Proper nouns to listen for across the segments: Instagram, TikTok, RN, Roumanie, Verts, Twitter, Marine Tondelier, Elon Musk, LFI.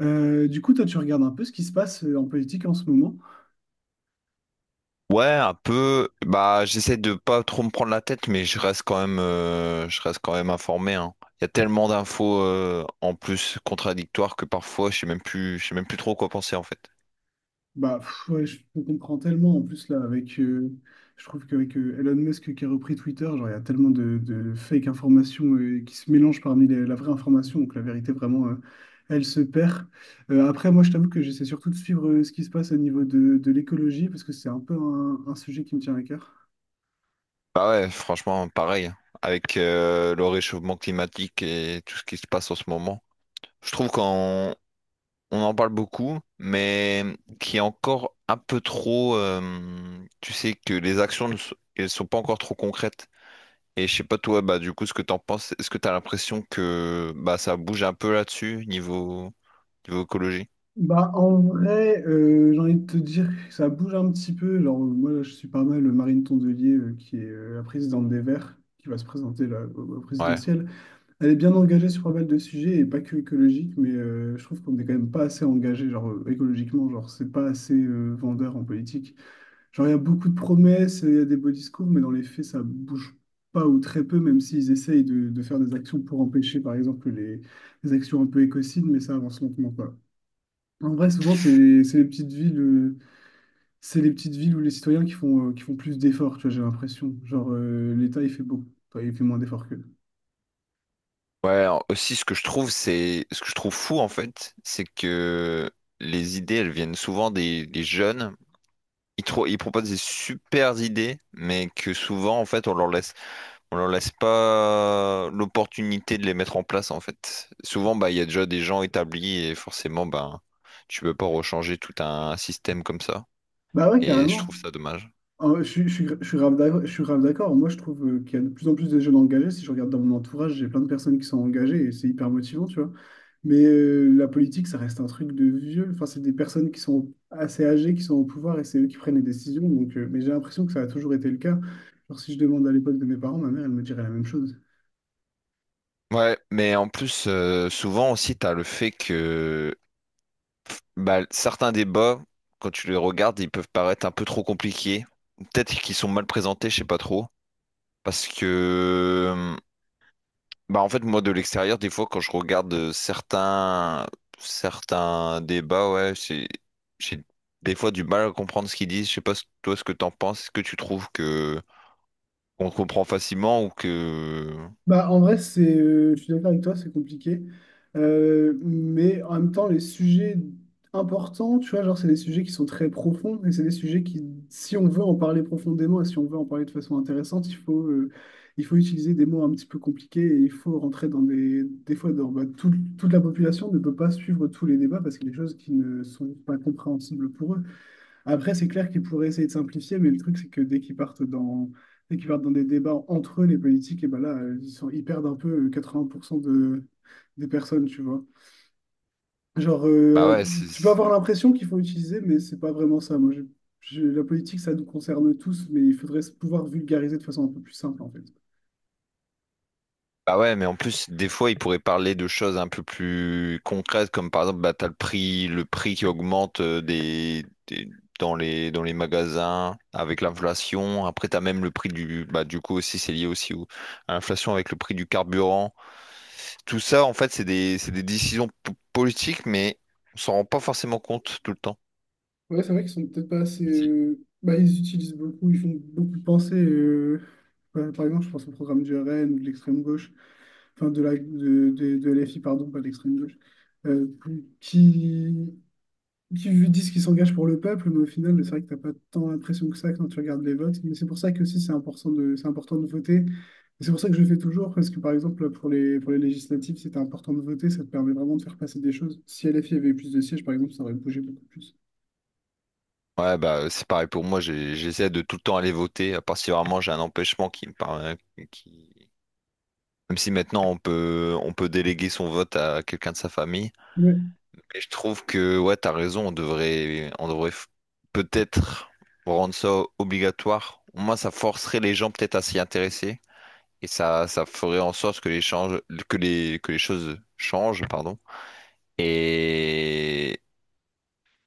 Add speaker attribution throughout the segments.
Speaker 1: Du coup, toi, tu regardes un peu ce qui se passe en politique en ce moment.
Speaker 2: Ouais, un peu. Bah, j'essaie de pas trop me prendre la tête, mais je reste quand même, je reste quand même informé, hein. Il y a tellement d'infos en plus contradictoires que parfois je sais même plus trop quoi penser en fait.
Speaker 1: Bah, pff, ouais, je te comprends tellement. En plus, là, je trouve qu'avec Elon Musk qui a repris Twitter, genre, il y a tellement de fake informations qui se mélangent parmi la vraie information. Donc, la vérité, vraiment, elle se perd. Après, moi, je t'avoue que j'essaie surtout de suivre ce qui se passe au niveau de l'écologie parce que c'est un peu un sujet qui me tient à cœur.
Speaker 2: Bah ouais, franchement, pareil, hein. Avec le réchauffement climatique et tout ce qui se passe en ce moment, je trouve qu'on on en parle beaucoup, mais qui est encore un peu trop. Tu sais que les actions ne sont, elles sont pas encore trop concrètes. Et je sais pas toi, bah du coup ce que t'en penses, est-ce que t'as l'impression que bah ça bouge un peu là-dessus niveau écologie?
Speaker 1: Bah, en vrai, j'ai envie de te dire que ça bouge un petit peu. Moi, là, je suis pas mal le Marine Tondelier, qui est la présidente des Verts, qui va se présenter là, au
Speaker 2: Ouais.
Speaker 1: présidentiel. Elle est bien engagée sur pas mal de sujets, et pas que écologique, mais je trouve qu'on n'est quand même pas assez engagé, écologiquement, genre c'est pas assez vendeur en politique. Genre, il y a beaucoup de promesses, il y a des beaux discours, mais dans les faits, ça bouge pas ou très peu, même s'ils essayent de faire des actions pour empêcher, par exemple, les actions un peu écocides, mais ça avance lentement. En vrai, souvent, c'est les petites villes, c'est les petites villes où les citoyens qui font plus d'efforts, tu vois, j'ai l'impression. L'État, il fait beaucoup. Enfin, il fait moins d'efforts qu'eux.
Speaker 2: Aussi ce que je trouve c'est ce que je trouve fou en fait, c'est que les idées elles viennent souvent des jeunes. Ils proposent des super idées, mais que souvent en fait on leur laisse pas l'opportunité de les mettre en place en fait. Souvent bah il y a déjà des gens établis et forcément bah tu peux pas rechanger tout un système comme ça.
Speaker 1: Bah ouais,
Speaker 2: Et je
Speaker 1: carrément.
Speaker 2: trouve ça dommage.
Speaker 1: En vrai, je suis grave d'accord. Je suis grave d'accord. Moi, je trouve qu'il y a de plus en plus de jeunes engagés. Si je regarde dans mon entourage, j'ai plein de personnes qui sont engagées et c'est hyper motivant, tu vois. Mais la politique, ça reste un truc de vieux. Enfin, c'est des personnes qui sont assez âgées, qui sont au pouvoir et c'est eux qui prennent les décisions. Donc, mais j'ai l'impression que ça a toujours été le cas. Genre, si je demande à l'époque de mes parents, ma mère, elle me dirait la même chose.
Speaker 2: Ouais, mais en plus, souvent aussi, t'as le fait que bah, certains débats, quand tu les regardes, ils peuvent paraître un peu trop compliqués. Peut-être qu'ils sont mal présentés, je sais pas trop. Parce que, bah, en fait, moi, de l'extérieur, des fois, quand je regarde certains débats, ouais, j'ai des fois du mal à comprendre ce qu'ils disent. Je sais pas, toi, ce que t'en penses. Est-ce que tu trouves que on comprend facilement ou que,
Speaker 1: Bah, en vrai, je suis d'accord avec toi, c'est compliqué. Mais en même temps, les sujets importants, tu vois, genre, c'est des sujets qui sont très profonds et c'est des sujets qui, si on veut en parler profondément et si on veut en parler de façon intéressante, il faut utiliser des mots un petit peu compliqués et il faut rentrer dans des fois, dans, bah, toute la population ne peut pas suivre tous les débats parce qu'il y a des choses qui ne sont pas compréhensibles pour eux. Après, c'est clair qu'ils pourraient essayer de simplifier, mais le truc, c'est que dès qu'ils partent dans des débats entre eux, les politiques, et ben là, ils perdent un peu 80% de, des personnes, tu vois. Genre,
Speaker 2: bah ouais.
Speaker 1: tu peux avoir l'impression qu'il faut utiliser, mais c'est pas vraiment ça. Moi, je- la politique, ça nous concerne tous, mais il faudrait pouvoir vulgariser de façon un peu plus simple, en fait.
Speaker 2: Bah ouais, mais en plus, des fois, ils pourraient parler de choses un peu plus concrètes, comme par exemple, bah, t'as le prix qui augmente dans les magasins avec l'inflation. Après, t'as même le prix du, bah, du coup aussi, c'est lié aussi à l'inflation avec le prix du carburant. Tout ça, en fait, c'est des décisions politiques, mais on s'en rend pas forcément compte tout le temps.
Speaker 1: Ouais, c'est vrai qu'ils sont peut-être pas assez.
Speaker 2: Si.
Speaker 1: Bah, ils utilisent beaucoup, ils font beaucoup penser. Bah, par exemple, je pense au programme du RN ou de l'extrême gauche, enfin de LFI, pardon, pas de l'extrême gauche, euh, qui, qui disent qu'ils s'engagent pour le peuple, mais au final, c'est vrai que t'as pas tant l'impression que ça quand tu regardes les votes. Mais c'est pour ça que aussi c'est important de voter. Et c'est pour ça que je le fais toujours, parce que par exemple, pour les législatives, c'était important de voter, ça te permet vraiment de faire passer des choses. Si LFI avait eu plus de sièges, par exemple, ça aurait bougé beaucoup plus.
Speaker 2: Ouais, bah, c'est pareil pour moi, j'essaie de tout le temps aller voter, à part si vraiment j'ai un empêchement qui me paraît, qui. Même si maintenant on peut déléguer son vote à quelqu'un de sa famille. Mais je trouve que ouais, t'as raison, on devrait peut-être rendre ça obligatoire. Moi, ça forcerait les gens peut-être à s'y intéresser et ça ferait en sorte que les change- que les choses changent, pardon. Et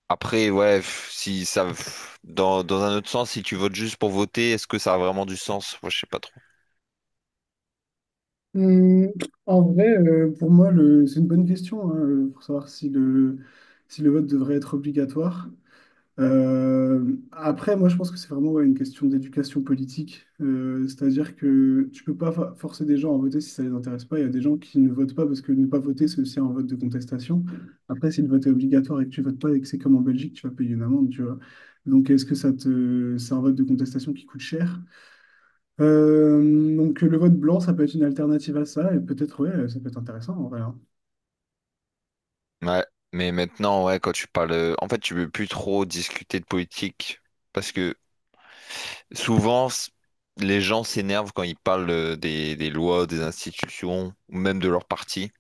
Speaker 2: après ouais, f- si ça f- dans dans un autre sens, si tu votes juste pour voter, est-ce que ça a vraiment du sens? Moi, je sais pas trop.
Speaker 1: Hum, en vrai, pour moi, c'est une bonne question hein, pour savoir si le vote devrait être obligatoire. Après, moi, je pense que c'est vraiment ouais, une question d'éducation politique. C'est-à-dire que tu peux pas forcer des gens à voter si ça les intéresse pas. Il y a des gens qui ne votent pas parce que ne pas voter, c'est aussi un vote de contestation. Après, si le vote est obligatoire et que tu votes pas et que c'est comme en Belgique, tu vas payer une amende, tu vois. Donc, est-ce que ça te, c'est un vote de contestation qui coûte cher? Donc le vote blanc, ça peut être une alternative à ça, et peut-être, ouais, ça peut être intéressant en vrai, hein.
Speaker 2: Ouais, mais maintenant, ouais, quand tu parles, en fait, tu veux plus trop discuter de politique parce que souvent les gens s'énervent quand ils parlent des lois, des institutions ou même de leur parti.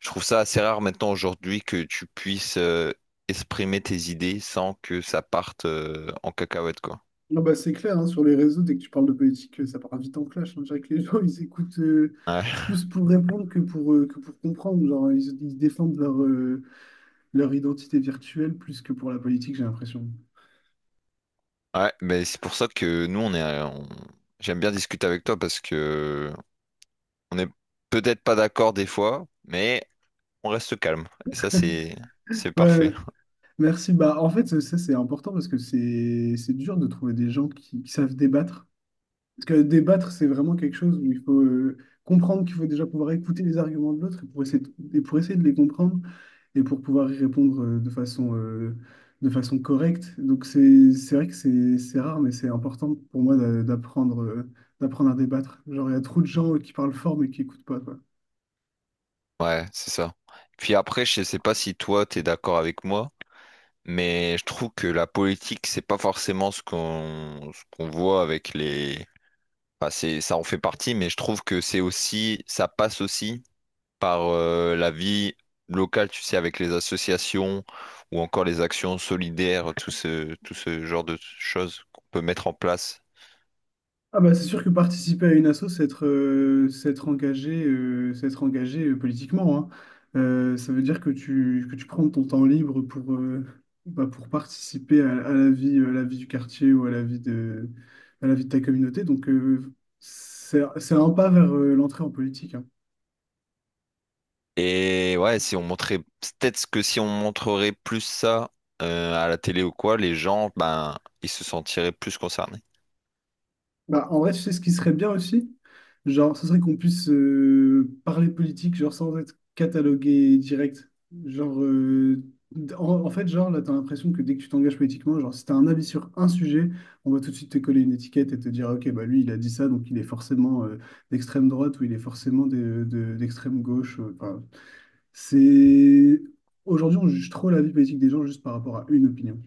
Speaker 2: Je trouve ça assez rare maintenant aujourd'hui que tu puisses exprimer tes idées sans que ça parte en cacahuète, quoi.
Speaker 1: Non, bah, c'est clair, hein, sur les réseaux, dès que tu parles de politique, ça part vite en clash, hein. Je dirais que les gens, ils écoutent
Speaker 2: Ouais,
Speaker 1: plus pour répondre que pour comprendre. Ils défendent leur identité virtuelle plus que pour la politique, j'ai l'impression.
Speaker 2: ouais, mais c'est pour ça que nous, on est, j'aime bien discuter avec toi parce que on est peut-être pas d'accord des fois, mais on reste calme. Et ça, c'est
Speaker 1: Ouais,
Speaker 2: parfait.
Speaker 1: merci. Bah, en fait, ça, c'est important parce que c'est dur de trouver des gens qui savent débattre. Parce que débattre, c'est vraiment quelque chose où il faut comprendre qu'il faut déjà pouvoir écouter les arguments de l'autre et pour essayer de les comprendre et pour pouvoir y répondre de de façon correcte. Donc, c'est vrai que c'est rare, mais c'est important pour moi d'apprendre d'apprendre à débattre. Genre, il y a trop de gens qui parlent fort mais qui n'écoutent pas, quoi.
Speaker 2: Ouais, c'est ça. Puis après, je sais pas si toi, t'es d'accord avec moi, mais je trouve que la politique, c'est pas forcément ce qu'on voit avec les. Enfin, c'est ça en fait partie, mais je trouve que c'est aussi ça passe aussi par la vie locale, tu sais, avec les associations ou encore les actions solidaires, tout ce genre de choses qu'on peut mettre en place.
Speaker 1: Ah bah c'est sûr que participer à une asso, c'est être engagé, politiquement, hein. Ça veut dire que que tu prends ton temps libre pour, bah, pour participer à, à la vie du quartier ou à la vie de, à la vie de ta communauté. Donc, c'est un pas vers l'entrée en politique, hein.
Speaker 2: Et ouais, si on montrait, peut-être que si on montrerait plus ça à la télé ou quoi, les gens, ben, ils se sentiraient plus concernés.
Speaker 1: Bah, en vrai, tu sais ce qui serait bien aussi? Genre, ce serait qu'on puisse parler politique, genre sans être catalogué direct. Genre, euh, là, t'as l'impression que dès que tu t'engages politiquement, genre, si t'as un avis sur un sujet, on va tout de suite te coller une étiquette et te dire, OK, bah lui, il a dit ça, donc il est forcément d'extrême droite ou il est forcément d'extrême gauche. C'est... Aujourd'hui, on juge trop la vie politique des gens juste par rapport à une opinion.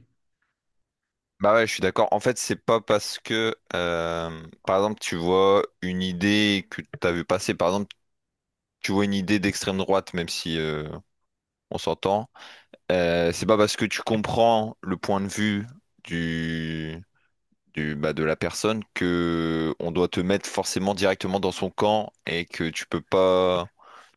Speaker 2: Bah ouais, je suis d'accord. En fait, c'est pas parce que, par exemple, tu vois une idée que t'as vu passer, par exemple, tu vois une idée d'extrême droite, même si on s'entend, c'est pas parce que tu comprends le point de vue du, bah, de la personne que on doit te mettre forcément directement dans son camp et que tu peux pas.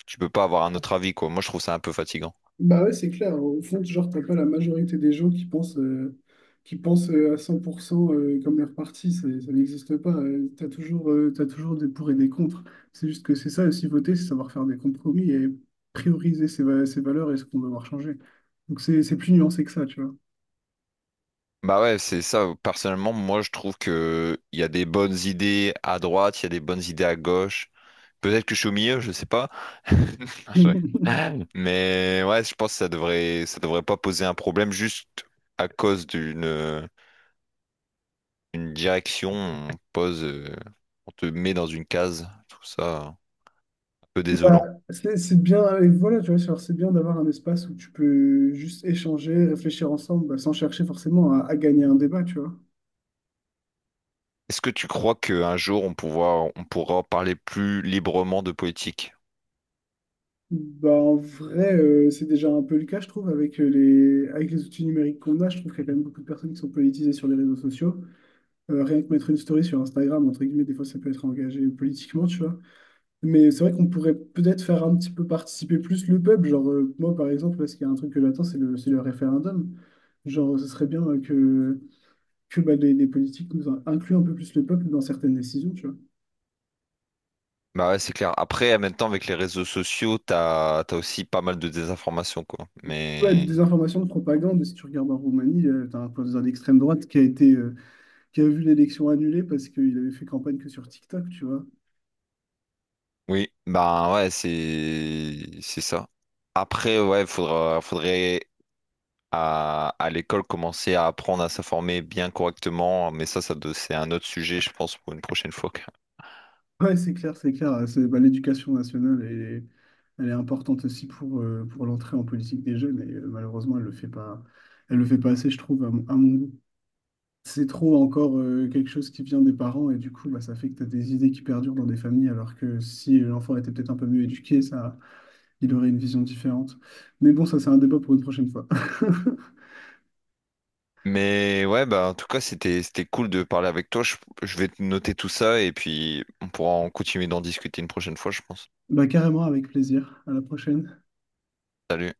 Speaker 2: Tu peux pas avoir un autre avis, quoi. Moi, je trouve ça un peu fatigant.
Speaker 1: Bah ouais, c'est clair. Au fond, genre, t'as pas la majorité des gens qui pensent à 100% comme leur parti. Ça n'existe pas. T'as t'as toujours des pour et des contre. C'est juste que c'est ça aussi, voter, c'est savoir faire des compromis et prioriser ses valeurs et ce qu'on va devoir changer. Donc c'est plus nuancé que ça, tu vois.
Speaker 2: Bah ouais, c'est ça. Personnellement, moi, je trouve que il y a des bonnes idées à droite, il y a des bonnes idées à gauche. Peut-être que je suis au milieu, je sais pas. Ouais. Mais ouais, je pense que ça devrait pas poser un problème juste à cause d'une direction. On te met dans une case. Je trouve ça un peu
Speaker 1: Bah,
Speaker 2: désolant.
Speaker 1: c'est bien, et voilà, tu vois, genre, c'est bien d'avoir un espace où tu peux juste échanger, réfléchir ensemble, bah, sans chercher forcément à gagner un débat, tu vois.
Speaker 2: Est-ce que tu crois qu'un jour on pourra parler plus librement de politique?
Speaker 1: Bah, en vrai, c'est déjà un peu le cas, je trouve, avec avec les outils numériques qu'on a. Je trouve qu'il y a quand même beaucoup de personnes qui sont politisées sur les réseaux sociaux. Rien que mettre une story sur Instagram, entre guillemets, des fois, ça peut être engagé politiquement, tu vois. Mais c'est vrai qu'on pourrait peut-être faire un petit peu participer plus le peuple. Moi, par exemple, là, ce qu'il y a un truc que j'attends, c'est le référendum. Genre, ce serait bien que bah, les politiques nous incluent un peu plus le peuple dans certaines décisions, tu vois.
Speaker 2: Bah ouais, c'est clair. Après, en même temps, avec les réseaux sociaux, t'as aussi pas mal de désinformation, quoi.
Speaker 1: Ouais, de
Speaker 2: Mais
Speaker 1: désinformation, de propagande. Si tu regardes en Roumanie, tu as un président d'extrême droite qui a été qui a vu l'élection annulée parce qu'il avait fait campagne que sur TikTok, tu vois.
Speaker 2: oui, bah ouais, c'est ça. Après, ouais, faudrait à l'école commencer à apprendre à s'informer bien correctement. Mais ça, c'est un autre sujet, je pense, pour une prochaine fois, quoi.
Speaker 1: Ouais, c'est clair, c'est clair. C'est, bah, l'éducation nationale, elle est importante aussi pour l'entrée en politique des jeunes et malheureusement, elle le fait pas assez, je trouve, à à mon goût. C'est trop encore quelque chose qui vient des parents et du coup, bah, ça fait que tu as des idées qui perdurent dans des familles alors que si l'enfant était peut-être un peu mieux éduqué, ça, il aurait une vision différente. Mais bon, ça, c'est un débat pour une prochaine fois.
Speaker 2: Mais ouais, bah en tout cas, c'était cool de parler avec toi. Je vais noter tout ça et puis on pourra en continuer d'en discuter une prochaine fois, je pense.
Speaker 1: Bah, carrément, avec plaisir. À la prochaine.
Speaker 2: Salut.